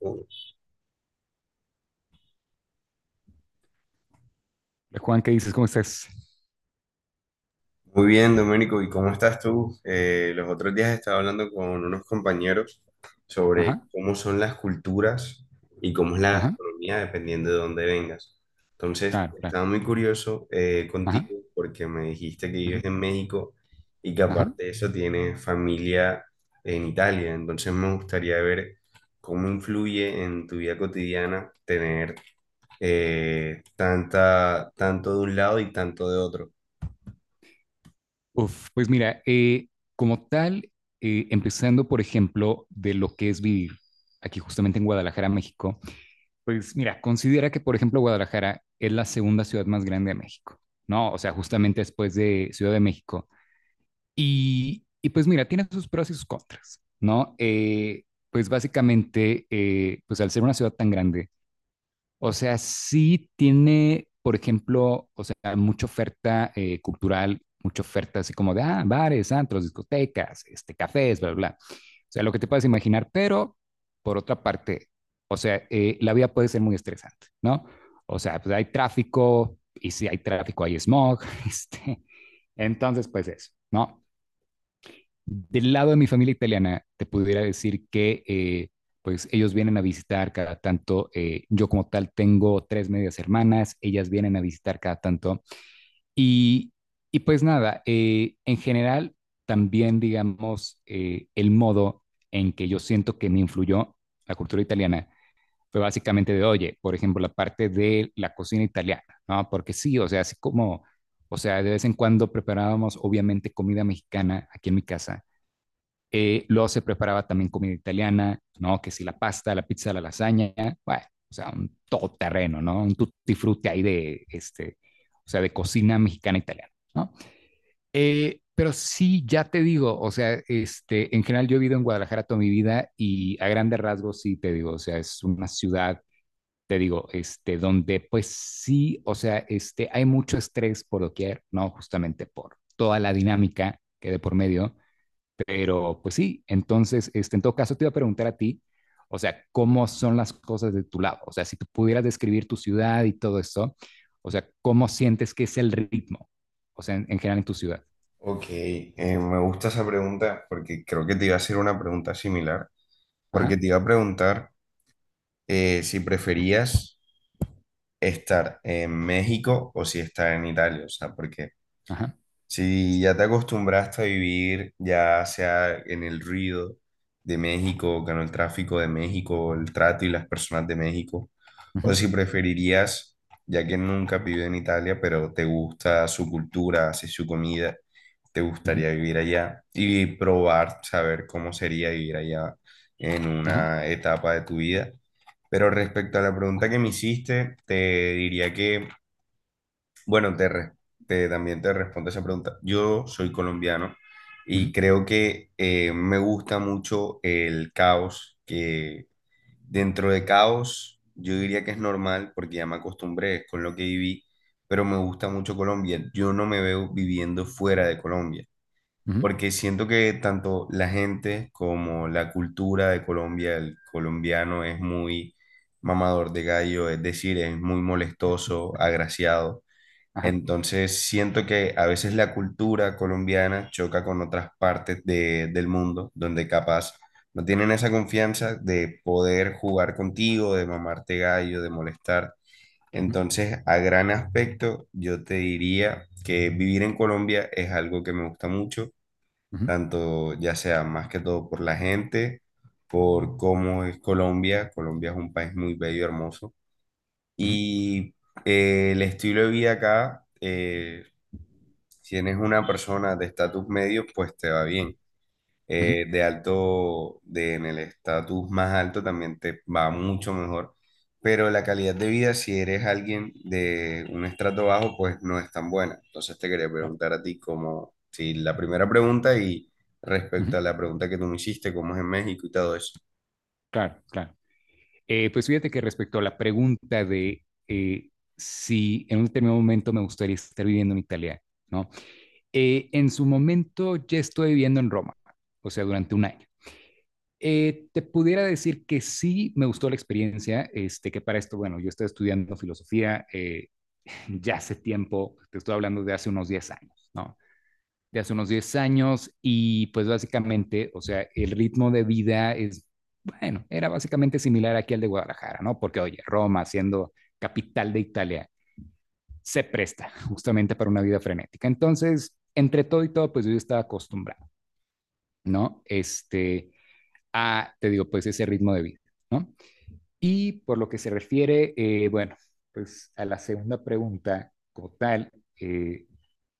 Muy Hola, Juan, ¿qué dices? ¿Cómo estás? bien, Domenico, ¿y cómo estás tú? Los otros días estaba hablando con unos compañeros sobre Ajá, cómo son las culturas y cómo es la ajá, gastronomía dependiendo de dónde vengas. Entonces, claro, claro. estaba muy curioso Ajá, contigo porque me dijiste que ajá, vives en México y que ajá. aparte de eso tienes familia en Italia. Entonces, me gustaría ver cómo influye en tu vida cotidiana tener tanto de un lado y tanto de otro. Uf, pues mira, como tal, empezando por ejemplo de lo que es vivir aquí justamente en Guadalajara, México. Pues mira, considera que por ejemplo Guadalajara es la segunda ciudad más grande de México, ¿no? O sea, justamente después de Ciudad de México. Y pues mira, tiene sus pros y sus contras, ¿no? Pues básicamente, pues al ser una ciudad tan grande, o sea, sí tiene, por ejemplo, o sea, mucha oferta cultural, mucha oferta así como de ah, bares, antros, discotecas, este, cafés, bla, bla. Bla. O sea, lo que te puedes imaginar, pero por otra parte, o sea, la vida puede ser muy estresante, ¿no? O sea, pues hay tráfico, y si hay tráfico hay smog, este, entonces pues eso, ¿no? Del lado de mi familia italiana, te pudiera decir que pues ellos vienen a visitar cada tanto. Yo como tal tengo tres medias hermanas, ellas vienen a visitar cada tanto y, y pues nada, en general también digamos el modo en que yo siento que me influyó la cultura italiana fue básicamente de, oye, por ejemplo, la parte de la cocina italiana, ¿no? Porque sí, o sea, así como, o sea, de vez en cuando preparábamos obviamente comida mexicana aquí en mi casa. Luego se preparaba también comida italiana, ¿no? Que si la pasta, la pizza, la lasaña, bueno, o sea, un todoterreno, ¿no? Un tutti frutti ahí de, este, o sea, de cocina mexicana e italiana, ¿no? Pero sí, ya te digo, o sea, este, en general yo he vivido en Guadalajara toda mi vida y a grandes rasgos sí te digo, o sea, es una ciudad, te digo, este, donde pues sí, o sea, este, hay mucho estrés por doquier, ¿no? Justamente por toda la dinámica que de por medio, pero pues sí, entonces, este, en todo caso te iba a preguntar a ti, o sea, ¿cómo son las cosas de tu lado? O sea, si tú pudieras describir tu ciudad y todo esto, o sea, ¿cómo sientes que es el ritmo? O sea, en general en tu ciudad. Ok, me gusta esa pregunta porque creo que te iba a hacer una pregunta similar, porque Ajá, te iba a preguntar si preferías estar en México o si estar en Italia, o sea, porque ajá, si ya te acostumbraste a vivir ya sea en el ruido de México, con el tráfico de México, el trato y las personas de México, ujú, o si preferirías, ya que nunca has vivido en Italia, pero te gusta su cultura, así su comida te ujú, gustaría vivir allá y probar, saber cómo sería vivir allá en ajá, una etapa de tu vida. Pero respecto a la pregunta ajá, que me hiciste, te diría que, bueno, también te respondo esa pregunta. Yo soy colombiano ujú, y creo que me gusta mucho el caos, que dentro de caos yo diría que es normal porque ya me acostumbré con lo que viví, pero me gusta mucho Colombia. Yo no me veo viviendo fuera de Colombia ujú, porque siento que tanto la gente como la cultura de Colombia, el colombiano es muy mamador de gallo, es decir, es muy molestoso, agraciado. ajá, Entonces siento que a veces la cultura colombiana choca con otras partes del mundo, donde capaz no tienen esa confianza de poder jugar contigo, de mamarte gallo, de molestar. ujú, Entonces, a gran aspecto, yo te diría que vivir en Colombia es algo que me gusta mucho ujú, tanto ya sea más que todo por la gente, por cómo es Colombia. Colombia es un país muy bello, hermoso. ujú, Y el estilo de vida acá, si eres una persona de estatus medio, pues te va bien ujú, de alto, de, en el estatus más alto también te va mucho mejor, pero la calidad de vida, si eres alguien de un estrato bajo, pues no es tan buena. Entonces te quería claro, preguntar a ti como, si la primera pregunta y ujú, respecto a la pregunta que tú me hiciste, cómo es en México y todo eso. claro, claro. Pues fíjate que respecto a la pregunta de si en un determinado momento me gustaría estar viviendo en Italia, ¿no? En su momento ya estoy viviendo en Roma, o sea, durante un año. Te pudiera decir que sí me gustó la experiencia, este, que para esto, bueno, yo estoy estudiando filosofía ya hace tiempo, te estoy hablando de hace unos 10 años, ¿no? De hace unos 10 años y pues básicamente, o sea, el ritmo de vida es, bueno, era básicamente similar aquí al de Guadalajara, ¿no? Porque, oye, Roma, siendo capital de Italia, se presta justamente para una vida frenética. Entonces, entre todo y todo, pues yo estaba acostumbrado, ¿no? Este, a, te digo, pues ese ritmo de vida, ¿no? Y por lo que se refiere, bueno, pues a la segunda pregunta, como tal, eh,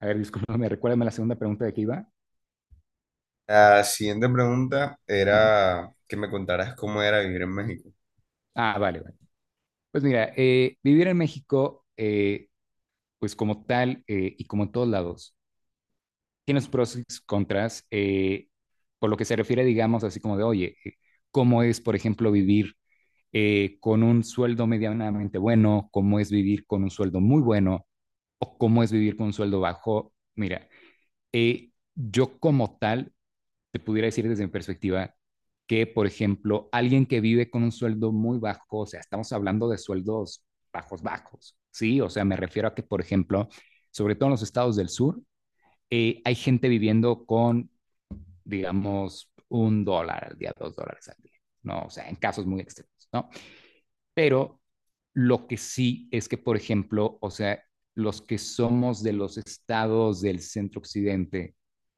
a ver, discúlpame, recuérdame la segunda pregunta de qué iba. La siguiente pregunta Uh -huh. era que me contaras cómo era vivir en México. Ah, vale, vale. Pues mira, vivir en México, pues como tal, y como en todos lados, tiene sus pros y sus contras. Por lo que se refiere, digamos, así como de, oye, ¿cómo es, por ejemplo, vivir con un sueldo medianamente bueno? ¿Cómo es vivir con un sueldo muy bueno? ¿O cómo es vivir con un sueldo bajo? Mira, yo como tal, te pudiera decir desde mi perspectiva que, por ejemplo, alguien que vive con un sueldo muy bajo, o sea, estamos hablando de sueldos bajos, bajos, ¿sí? O sea, me refiero a que, por ejemplo, sobre todo en los estados del sur, hay gente viviendo con, digamos, $1 al día, $2 al día, ¿no? O sea, en casos muy extremos, ¿no? Pero lo que sí es que, por ejemplo, o sea, los que somos de los estados del centro occidente,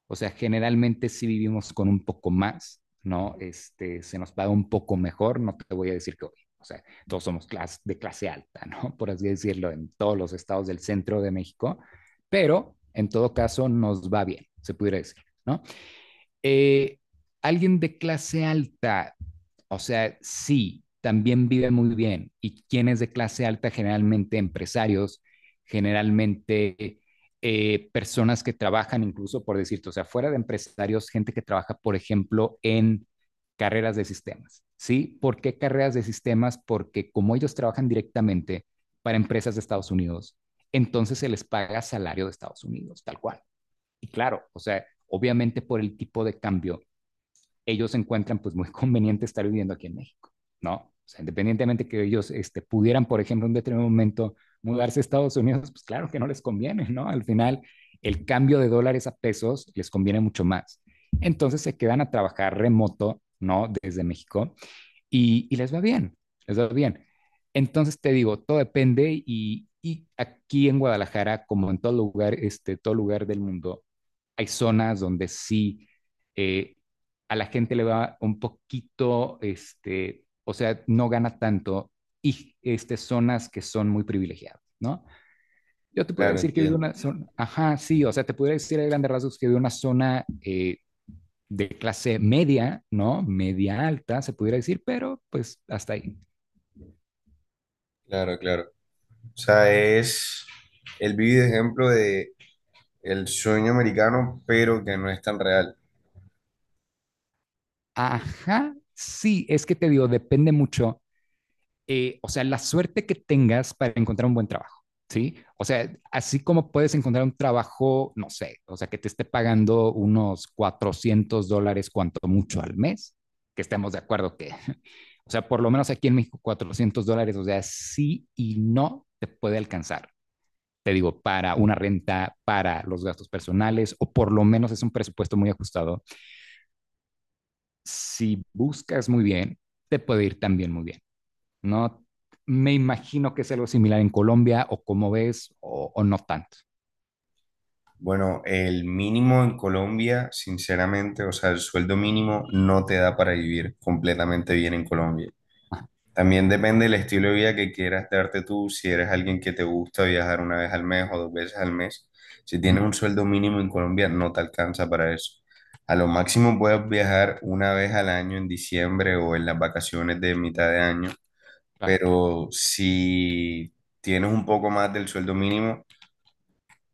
o sea, generalmente sí vivimos con un poco más, ¿no? Este, se nos paga un poco mejor, no te voy a decir que hoy, o sea, todos somos clase, de clase alta, ¿no? Por así decirlo, en todos los estados del centro de México, pero en todo caso nos va bien, se pudiera decir, ¿no? Eh, alguien de clase alta, o sea, sí, también vive muy bien. ¿Y quién es de clase alta? Generalmente empresarios, generalmente personas que trabajan incluso, por decirte, o sea, fuera de empresarios, gente que trabaja, por ejemplo, en carreras de sistemas. ¿Sí? ¿Por qué carreras de sistemas? Porque como ellos trabajan directamente para empresas de Estados Unidos, entonces se les paga salario de Estados Unidos, tal cual. Y claro, o sea, obviamente por el tipo de cambio, ellos encuentran pues muy conveniente estar viviendo aquí en México, ¿no? O sea, independientemente que ellos este, pudieran, por ejemplo, en un determinado momento mudarse a Estados Unidos, pues claro que no les conviene, ¿no? Al final, el cambio de dólares a pesos les conviene mucho más. Entonces se quedan a trabajar remoto, ¿no? Desde México y les va bien, les va bien. Entonces te digo, todo depende y aquí en Guadalajara, como en todo lugar, este, todo lugar del mundo, hay zonas donde sí eh, a la gente le va un poquito, este, o sea, no gana tanto y este, zonas que son muy privilegiadas, ¿no? Yo te podría Claro, decir que vivo en entiendo. una zona, ajá, sí, o sea, te podría decir a grandes rasgos que vivo en una zona de clase media, ¿no? Media alta, se pudiera decir, pero pues hasta ahí. Claro, claro. O sea, es, él vive de ejemplo de el sueño americano, pero que no es tan real. Ajá, sí, es que te digo, depende mucho, o sea, la suerte que tengas para encontrar un buen trabajo, ¿sí? O sea, así como puedes encontrar un trabajo, no sé, o sea, que te esté pagando unos $400 cuanto mucho al mes, que estemos de acuerdo que, o sea, por lo menos aquí en México $400, o sea, sí y no te puede alcanzar. Te digo, para una renta, para los gastos personales, o por lo menos es un presupuesto muy ajustado. Si buscas muy bien, te puede ir también muy bien, ¿no? Me imagino que es algo similar en Colombia, o como ves, o no tanto. Bueno, el mínimo en Colombia, sinceramente, o sea, el sueldo mínimo no te da para vivir completamente bien en Colombia. También depende del estilo de vida que quieras darte tú, si eres alguien que te gusta viajar una vez al mes o dos veces al mes. Si Uh tienes -huh. un sueldo mínimo en Colombia, no te alcanza para eso. A lo máximo puedes viajar una vez al año en diciembre o en las vacaciones de mitad de año, Claro, pero si tienes un poco más del sueldo mínimo,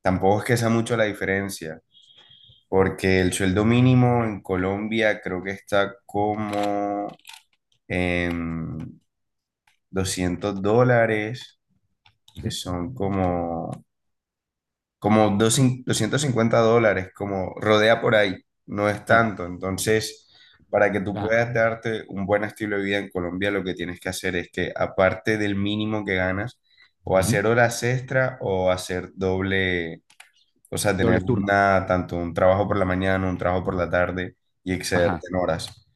tampoco es que sea mucho la diferencia, porque el sueldo mínimo en Colombia creo que está como en $200, uh que -huh. son como, dos $250, como rodea por ahí, no es Claro, tanto. Entonces, para que tú claro. puedas darte un buen estilo de vida en Colombia, lo que tienes que hacer es que, aparte del mínimo que ganas, o Uh -huh. hacer horas extra o hacer doble. O sea, Doble tener turno. una, tanto un trabajo por la mañana, un trabajo por la tarde y excederte Ajá, en horas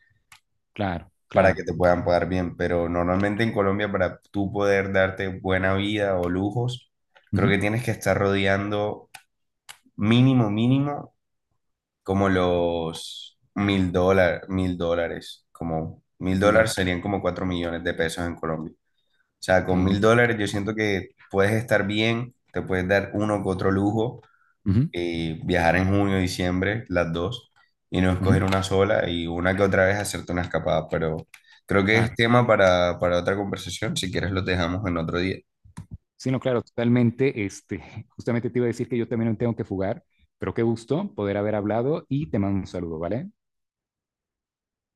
claro, para que claro. te puedan pagar bien. Pero normalmente en Colombia, para tú poder darte buena vida o lujos, creo Uh-huh. que tienes que estar rodeando mínimo, mínimo, como los $1,000, $1,000, como $1,000 Doble. serían como 4 millones de pesos en Colombia. O sea, con mil Okay. dólares yo Ajá. siento que puedes estar bien, te puedes dar uno que otro lujo Uh-huh. Viajar en junio, diciembre, las dos, y no Uh-huh. escoger una sola y una que otra vez hacerte una escapada, pero creo que es Claro, tema para, otra conversación, si quieres lo dejamos en otro día. sí, no, claro, totalmente. Este, justamente te iba a decir que yo también me tengo que fugar, pero qué gusto poder haber hablado y te mando un saludo, ¿vale?